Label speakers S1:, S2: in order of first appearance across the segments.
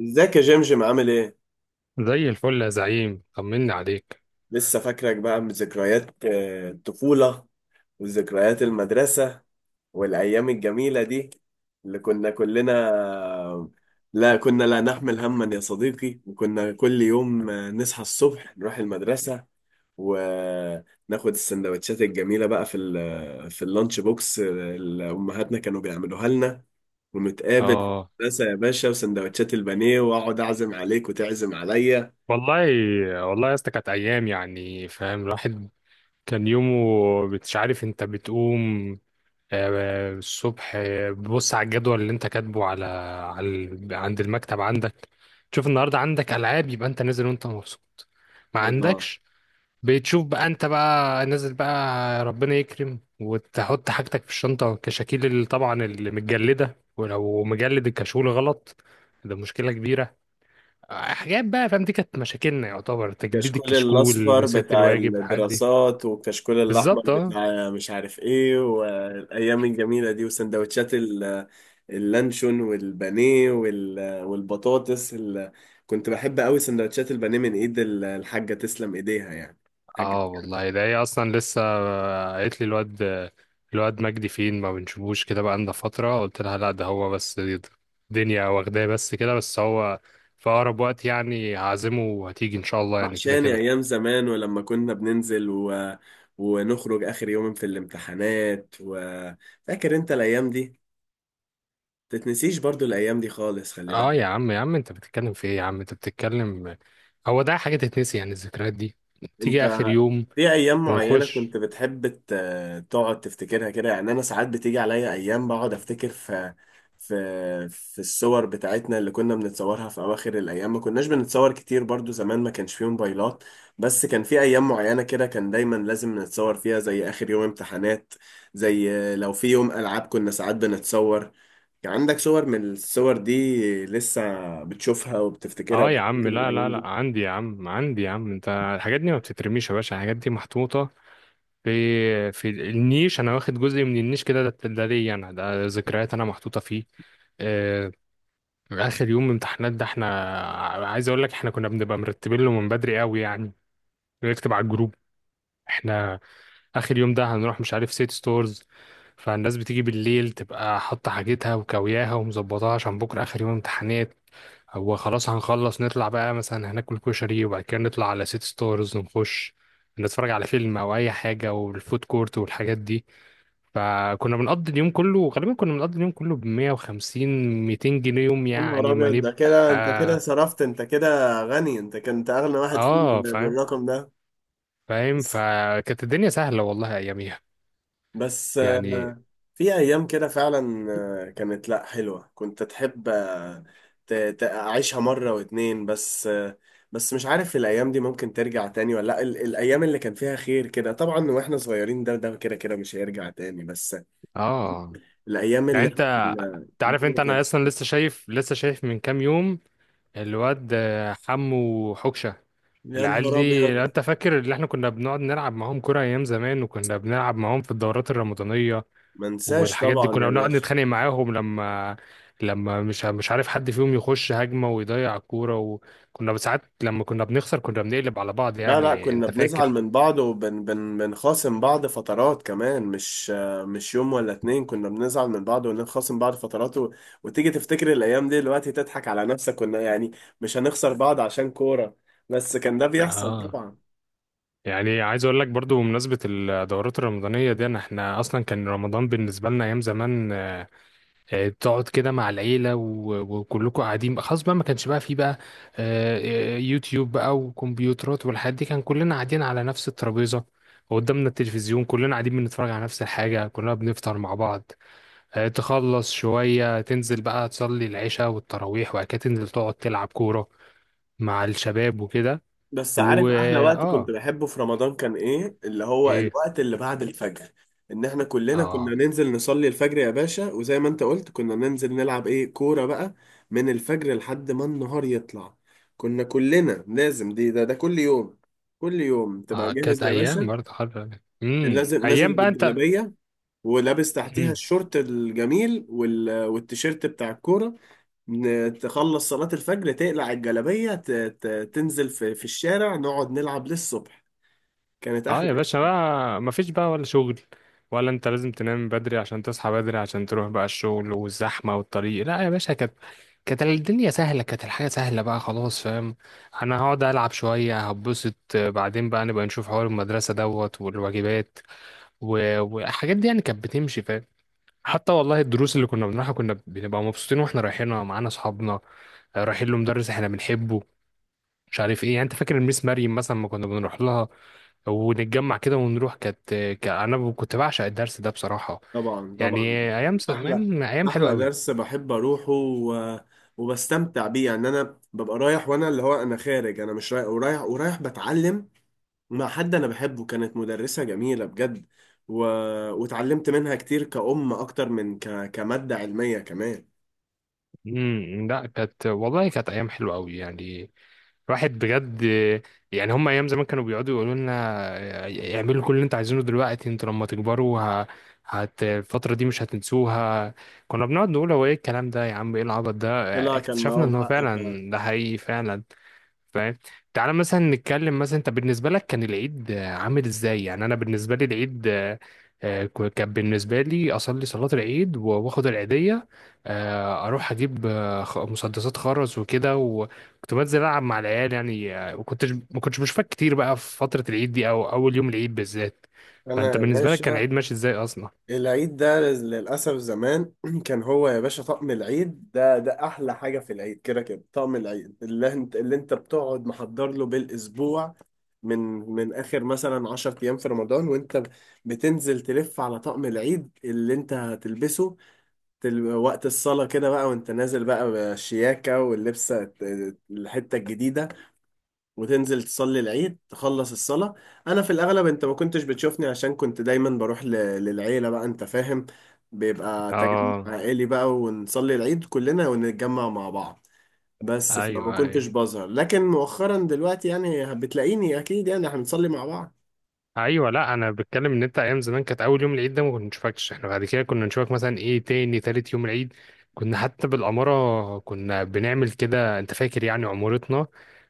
S1: ازيك يا جمجم؟ عامل ايه؟
S2: زي الفل يا زعيم طمني عليك.
S1: لسه فاكرك بقى من ذكريات الطفولة، وذكريات المدرسة، والأيام الجميلة دي اللي كنا كلنا. لا كنا لا نحمل هما يا صديقي، وكنا كل يوم نصحى الصبح نروح المدرسة، وناخد السندوتشات الجميلة بقى في اللانش بوكس اللي أمهاتنا كانوا بيعملوها لنا، ونتقابل في
S2: اه
S1: المدرسة يا باشا. وسندوتشات البانيه، وأقعد أعزم عليك وتعزم عليا.
S2: والله. يا اسطى كانت ايام يعني فاهم الواحد كان يومه. مش عارف انت بتقوم الصبح، بص على الجدول اللي انت كاتبه على عند المكتب عندك، تشوف النهارده عندك العاب يبقى انت نازل وانت مبسوط. ما
S1: الله.
S2: عندكش بتشوف بقى انت بقى نازل، بقى ربنا يكرم وتحط حاجتك في الشنطة، كشاكيل اللي طبعا اللي متجلدة، ولو مجلد الكشكول غلط ده مشكلة كبيرة. حاجات بقى فاهم، دي كانت مشاكلنا يعتبر، تجليد
S1: كشكول
S2: الكشكول،
S1: الأصفر
S2: نسيت
S1: بتاع
S2: الواجب حد.
S1: الدراسات، وكشكول الأحمر
S2: بالظبط اه.
S1: بتاع مش عارف إيه، والأيام الجميلة دي، وسندوتشات اللانشون والبانيه والبطاطس كنت بحب أوي سندوتشات البانيه من إيد الحاجة، تسلم إيديها يعني، الحاجة.
S2: اه والله ده هي اصلا لسه قالت لي، الواد مجدي فين ما بنشوفوش كده بقى لنا فتره؟ قلت لها لا ده هو بس الدنيا واخداه، بس كده بس هو في اقرب وقت يعني هعزمه وهتيجي ان شاء الله يعني كده
S1: وحشاني
S2: كده.
S1: أيام زمان، ولما كنا بننزل ونخرج آخر يوم في الامتحانات. وفاكر أنت الأيام دي؟ تتنسيش برضو الأيام دي خالص، خلي
S2: اه
S1: بالك.
S2: يا عم يا عم انت بتتكلم في ايه؟ يا عم انت بتتكلم، هو ده حاجه تتنسي يعني؟ الذكريات دي
S1: أنت
S2: تيجي اخر يوم
S1: في ايام معينه
S2: ونخش.
S1: كنت بتحب تقعد تفتكرها كده؟ يعني انا ساعات بتيجي عليا ايام بقعد افتكر في في الصور بتاعتنا اللي كنا بنتصورها في اواخر الايام. ما كناش بنتصور كتير برضو زمان، ما كانش فيه موبايلات، بس كان في ايام معينه كده كان دايما لازم نتصور فيها، زي اخر يوم امتحانات، زي لو في يوم العاب كنا ساعات بنتصور. يعني عندك صور من الصور دي لسه بتشوفها وبتفتكرها
S2: اه يا عم،
S1: وبتفتكر
S2: لا لا
S1: الايام
S2: لا،
S1: دي؟
S2: عندي يا عم عندي يا عم. انت الحاجات دي ما بتترميش يا باشا، الحاجات دي محطوطه في النيش، انا واخد جزء من النيش كده، ده ليا انا، ده ذكريات انا محطوطه فيه. آه، اخر يوم امتحانات ده احنا، عايز اقول لك احنا كنا بنبقى مرتبين له من بدري قوي، يعني بنكتب على الجروب احنا اخر يوم ده هنروح مش عارف سيت ستورز. فالناس بتيجي بالليل تبقى حاطه حاجتها وكوياها ومظبطاها عشان بكره اخر يوم امتحانات، هو خلاص هنخلص نطلع بقى مثلا هناكل كشري وبعد كده نطلع على سيت ستورز، ونخش نتفرج على فيلم او اي حاجه، والفود كورت والحاجات دي. فكنا بنقضي اليوم كله، غالبا كنا بنقضي اليوم كله ب 150 200 جنيه يوم
S1: يا نهار
S2: يعني، ما
S1: ابيض، ده كده انت كده
S2: نبقى.
S1: صرفت، انت كده غني، انت كنت اغنى واحد فينا
S2: اه فاهم،
S1: بالرقم ده.
S2: فاهم.
S1: بس،
S2: فكانت الدنيا سهلة والله اياميها
S1: بس
S2: يعني.
S1: آه، في ايام كده فعلا، كانت لا حلوه، كنت تحب اعيشها مره واتنين، بس مش عارف الايام دي ممكن ترجع تاني ولا لا. الايام اللي كان فيها خير كده طبعا، واحنا صغيرين، ده كده كده مش هيرجع تاني. بس
S2: اه
S1: الايام
S2: يعني
S1: اللي احنا
S2: انت
S1: كنا
S2: تعرف انت،
S1: الدنيا
S2: انا
S1: كانت…
S2: اصلا لسه شايف، لسه شايف من كام يوم الواد حمو حكشة،
S1: يا
S2: العيال
S1: نهار
S2: دي لو
S1: ابيض،
S2: انت فاكر اللي احنا كنا بنقعد نلعب معاهم كرة ايام زمان، وكنا بنلعب معاهم في الدورات الرمضانية
S1: ما انساش
S2: والحاجات دي،
S1: طبعا
S2: كنا
S1: يا
S2: بنقعد
S1: باشا.
S2: نتخانق معاهم لما مش عارف حد فيهم يخش هجمة ويضيع الكورة، وكنا ساعات لما كنا بنخسر كنا بنقلب على بعض
S1: لا لا،
S2: يعني،
S1: كنا
S2: انت
S1: بنزعل
S2: فاكر.
S1: من بعض، وبن بن بنخاصم بعض فترات كمان، مش مش يوم ولا اتنين، كنا بنزعل من بعض ونخاصم بعض فترات، وتيجي تفتكر الأيام دي دلوقتي تضحك على نفسك، كنا يعني مش هنخسر بعض عشان كورة، بس كان ده بيحصل
S2: اه
S1: طبعا.
S2: يعني عايز اقول لك برضو، بمناسبة الدورات الرمضانية دي، انا احنا اصلا كان رمضان بالنسبة لنا ايام زمان، تقعد كده مع العيلة وكلكم قاعدين خلاص بقى، ما كانش بقى فيه بقى يوتيوب بقى وكمبيوترات والحاجات دي، كان كلنا قاعدين على نفس الترابيزة وقدامنا التلفزيون، كلنا قاعدين بنتفرج على نفس الحاجة، كلنا بنفطر مع بعض. تخلص شوية تنزل بقى تصلي العشاء والتراويح، وبعد كده تنزل تقعد تلعب كورة مع الشباب وكده.
S1: بس
S2: و
S1: عارف احلى وقت كنت
S2: اه
S1: بحبه في رمضان كان ايه؟ اللي هو
S2: ايه،
S1: الوقت اللي بعد الفجر، ان احنا كلنا
S2: اه،
S1: كنا ننزل نصلي الفجر يا باشا، وزي ما انت قلت كنا ننزل نلعب ايه، كورة بقى، من الفجر لحد ما النهار يطلع. كنا كلنا لازم، دي ده ده كل يوم، كل يوم تبقى جاهز
S2: كانت
S1: يا
S2: ايام
S1: باشا.
S2: برضه حلوة،
S1: لازم
S2: ايام
S1: نازل
S2: بقى.
S1: بالجلابية، ولابس تحتيها
S2: انت
S1: الشورت الجميل والتيشيرت بتاع الكورة. تخلص صلاة الفجر، تقلع الجلابية، تنزل في في الشارع نقعد نلعب للصبح. كانت
S2: اه يا
S1: أحلى.
S2: باشا، بقى مفيش بقى ولا شغل، ولا انت لازم تنام بدري عشان تصحى بدري عشان تروح بقى الشغل والزحمة والطريق. لا يا باشا كانت الدنيا سهلة، كانت الحياة سهلة بقى خلاص، فاهم. انا هقعد العب شوية هبسط، بعدين بقى نبقى نشوف حوار المدرسة دوت والواجبات والحاجات دي يعني، كانت بتمشي فاهم. حتى والله الدروس اللي كنا بنروحها كنا بنبقى مبسوطين واحنا رايحينها، معانا اصحابنا، رايحين لمدرس احنا بنحبه، مش عارف ايه يعني. انت فاكر الميس مريم مثلا، ما كنا بنروح لها ونتجمع كده ونروح، كانت انا كنت بعشق الدرس ده بصراحة
S1: طبعا
S2: يعني.
S1: طبعا. أحلى،
S2: أيام حلوة
S1: أحلى
S2: قوي.
S1: درس بحب أروحه وبستمتع بيه. يعني أنا ببقى رايح، وأنا اللي هو أنا خارج، أنا مش رايح، ورايح ورايح بتعلم مع حد أنا بحبه. كانت مدرسة جميلة بجد، و... واتعلمت منها كتير، كأم أكتر من كمادة علمية كمان.
S2: لا كانت والله، كانت ايام حلوة قوي يعني، الواحد بجد يعني. هم ايام زمان كانوا بيقعدوا يقولوا لنا اعملوا كل اللي انتوا عايزينه دلوقتي، انتوا لما تكبروا ه... هت الفترة دي مش هتنسوها. كنا بنقعد نقول هو ايه الكلام ده يا عم، ايه العبط ده؟
S1: طلع كان
S2: اكتشفنا
S1: معاهم
S2: ان هو
S1: حق فعلا.
S2: فعلا ده حقيقي فعلا، فاهم. تعالى مثلا نتكلم، مثلا انت بالنسبه لك كان العيد عامل ازاي؟ يعني انا بالنسبه لي العيد، كان بالنسبه لي اصلي صلاه العيد واخد العيديه، اروح اجيب مسدسات خرز وكده، وكنت بنزل العب مع العيال يعني وكنتش، ما كنتش بشوفك كتير بقى في فتره العيد دي، او اول يوم العيد بالذات.
S1: أنا
S2: فانت
S1: يا
S2: بالنسبه لك كان العيد
S1: باشا
S2: ماشي ازاي اصلا؟
S1: العيد ده للأسف زمان كان هو يا باشا، طقم العيد ده ده أحلى حاجة في العيد، كده كده طقم العيد اللي أنت، اللي أنت بتقعد محضر له بالأسبوع، من من آخر مثلا 10 أيام في رمضان، وأنت بتنزل تلف على طقم العيد اللي أنت هتلبسه. وقت الصلاة كده بقى، وأنت نازل بقى بالشياكة واللبسة الحتة الجديدة، وتنزل تصلي العيد، تخلص الصلاة. أنا في الأغلب أنت ما كنتش بتشوفني، عشان كنت دايما بروح للعيلة بقى، أنت فاهم، بيبقى تجمع
S2: اه
S1: عائلي بقى، ونصلي العيد كلنا ونتجمع مع بعض. بس فما
S2: ايوه ايوه،
S1: كنتش بظهر، لكن مؤخرا دلوقتي يعني بتلاقيني أكيد، يعني احنا بنصلي مع
S2: ايوه لا انا بتكلم ان انت ايام زمان كانت اول يوم العيد ده ما كنا نشوفكش، احنا بعد كده كنا نشوفك مثلا ايه، تاني تالت يوم العيد. كنا حتى بالاماره كنا بنعمل كده انت فاكر يعني؟ عمارتنا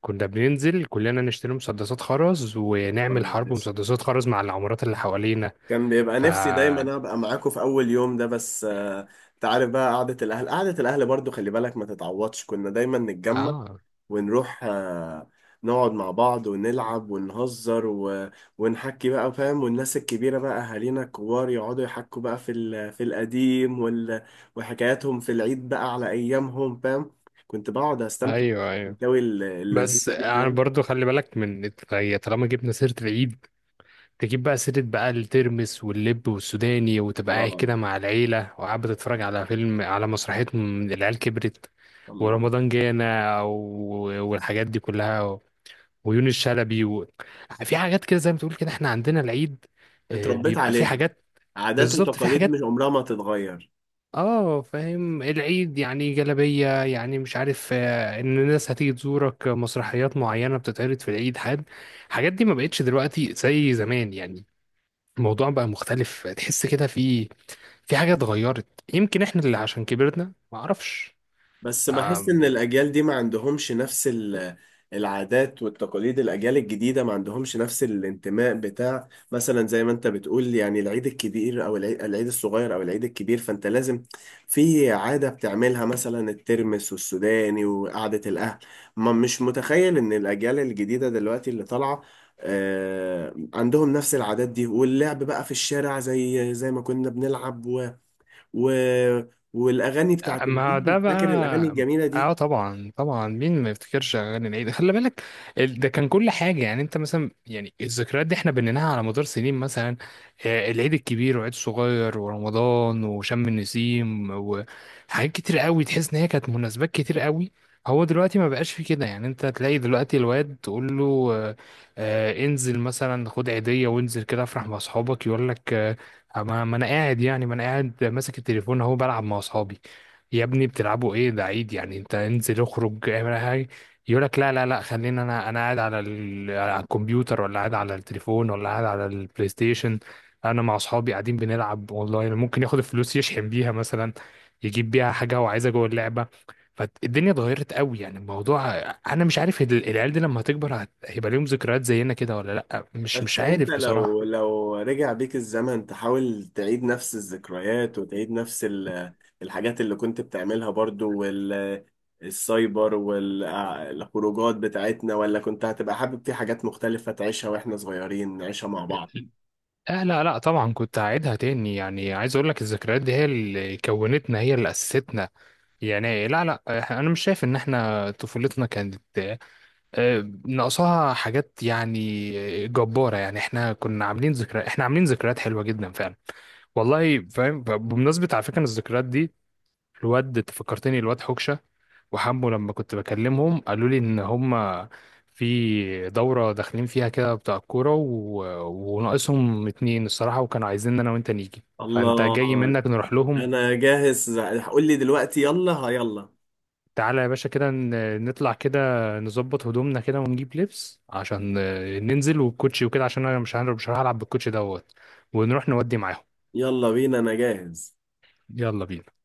S2: كنا بننزل كلنا نشتري مسدسات خرز، ونعمل حرب
S1: بعض.
S2: مسدسات خرز مع العمارات اللي حوالينا.
S1: كان بيبقى
S2: ف
S1: نفسي دايما ابقى معاكم في اول يوم ده، بس انت عارف بقى، قعدة الاهل، قعدة الاهل برضو خلي بالك ما تتعوضش، كنا دايما نتجمع
S2: اه
S1: ونروح نقعد مع بعض ونلعب ونهزر ونحكي بقى، فاهم، والناس الكبيرة بقى، أهالينا الكبار يقعدوا يحكوا بقى في القديم وحكاياتهم في العيد بقى على أيامهم، فاهم، كنت بقعد أستمتع
S2: ايوه ايوه.
S1: بالحكاوي اللذيذة
S2: بس
S1: دي،
S2: انا
S1: فاهم.
S2: برضو خلي بالك من، هي طالما جبنا سيرة العيد تجيب بقى سيرة بقى الترمس واللب والسوداني، وتبقى قاعد
S1: الله،
S2: كده مع العيلة، وقاعد بتتفرج على فيلم، على مسرحية، العيال كبرت،
S1: الله،
S2: ورمضان جانا والحاجات دي كلها، ويونس شلبي في حاجات كده زي ما تقول كده، احنا عندنا العيد
S1: اتربيت
S2: بيبقى في
S1: عليها.
S2: حاجات.
S1: عادات
S2: بالظبط، في
S1: وتقاليد
S2: حاجات،
S1: مش عمرها ما تتغير.
S2: اه فاهم. العيد يعني جلبية يعني، مش عارف، ان الناس هتيجي تزورك، مسرحيات معينة بتتعرض في العيد، حد. الحاجات دي ما بقتش دلوقتي زي زمان يعني، الموضوع بقى مختلف، تحس كده في حاجة اتغيرت، يمكن احنا اللي عشان كبرنا، ما اعرفش.
S1: بس بحس ان الاجيال دي ما عندهمش نفس العادات والتقاليد، الاجيال الجديده ما عندهمش نفس الانتماء، بتاع مثلا زي ما انت بتقول يعني العيد الكبير او العيد، العيد الصغير او العيد الكبير، فانت لازم في عاده بتعملها، مثلا الترمس والسوداني وقعده الاهل. ما مش متخيل ان الاجيال الجديده دلوقتي اللي طالعه عندهم نفس العادات دي، واللعب بقى في الشارع زي زي ما كنا بنلعب، و... والاغاني بتاعت
S2: ما ده
S1: العيد،
S2: بقى،
S1: فاكر الاغاني الجميله
S2: اه
S1: دي؟
S2: طبعا طبعا، مين ما يفتكرش اغاني العيد، خلي بالك. ده كان كل حاجه يعني، انت مثلا يعني الذكريات دي احنا بنيناها على مدار سنين، مثلا العيد الكبير والعيد الصغير، ورمضان، وشم النسيم، وحاجات كتير قوي، تحس ان هي كانت مناسبات كتير قوي. هو دلوقتي ما بقاش في كده يعني، انت تلاقي دلوقتي الواد تقول له آه، انزل مثلا خد عيديه وانزل كده افرح مع اصحابك، يقول لك ما انا قاعد يعني، ما انا قاعد ماسك التليفون اهو بلعب مع اصحابي. يا ابني بتلعبوا ايه؟ ده عيد يعني، انت انزل اخرج اعمل أي حاجه، يقول لك لا لا لا خلينا، انا قاعد على، على الكمبيوتر، ولا قاعد على التليفون، ولا قاعد على البلاي ستيشن، انا مع اصحابي قاعدين بنلعب اونلاين، ممكن ياخد الفلوس يشحن بيها مثلا، يجيب بيها حاجه هو عايزها جوه اللعبه. فالدنيا اتغيرت قوي يعني الموضوع، انا مش عارف العيال دي لما هتكبر هيبقى ليهم ذكريات زينا كده ولا لا، مش
S1: بس انت
S2: عارف بصراحه.
S1: لو لو رجع بيك الزمن تحاول تعيد نفس الذكريات، وتعيد نفس الحاجات اللي كنت بتعملها برضو، والسايبر والخروجات بتاعتنا؟ ولا كنت هتبقى حابب في حاجات مختلفة تعيشها، واحنا صغيرين نعيشها مع بعض؟
S2: آه لا لا طبعا كنت هعيدها تاني، يعني عايز اقول لك الذكريات دي هي اللي كونتنا، هي اللي اسستنا يعني. لا لا انا مش شايف ان احنا طفولتنا كانت ناقصاها حاجات يعني، جبارة يعني، احنا كنا عاملين ذكريات، احنا عاملين ذكريات حلوة جدا فعلا والله، فاهم. بمناسبة على فكرة إن الذكريات دي، الواد أنت فكرتني، الواد حكشة وحمو لما كنت بكلمهم قالوا لي ان هم في دورة داخلين فيها كده بتاع الكورة وناقصهم اتنين الصراحة، وكانوا عايزين انا وانت نيجي، فانت
S1: الله،
S2: جاي منك نروح لهم.
S1: انا جاهز، قول لي دلوقتي، يلا، ها، يلا.
S2: تعالى يا باشا كده نطلع كده، نظبط هدومنا كده ونجيب لبس عشان ننزل، والكوتشي وكده، عشان انا مش هلعب بالكوتشي دوت، ونروح نودي معاهم.
S1: يلا بينا، انا جاهز.
S2: يلا بينا.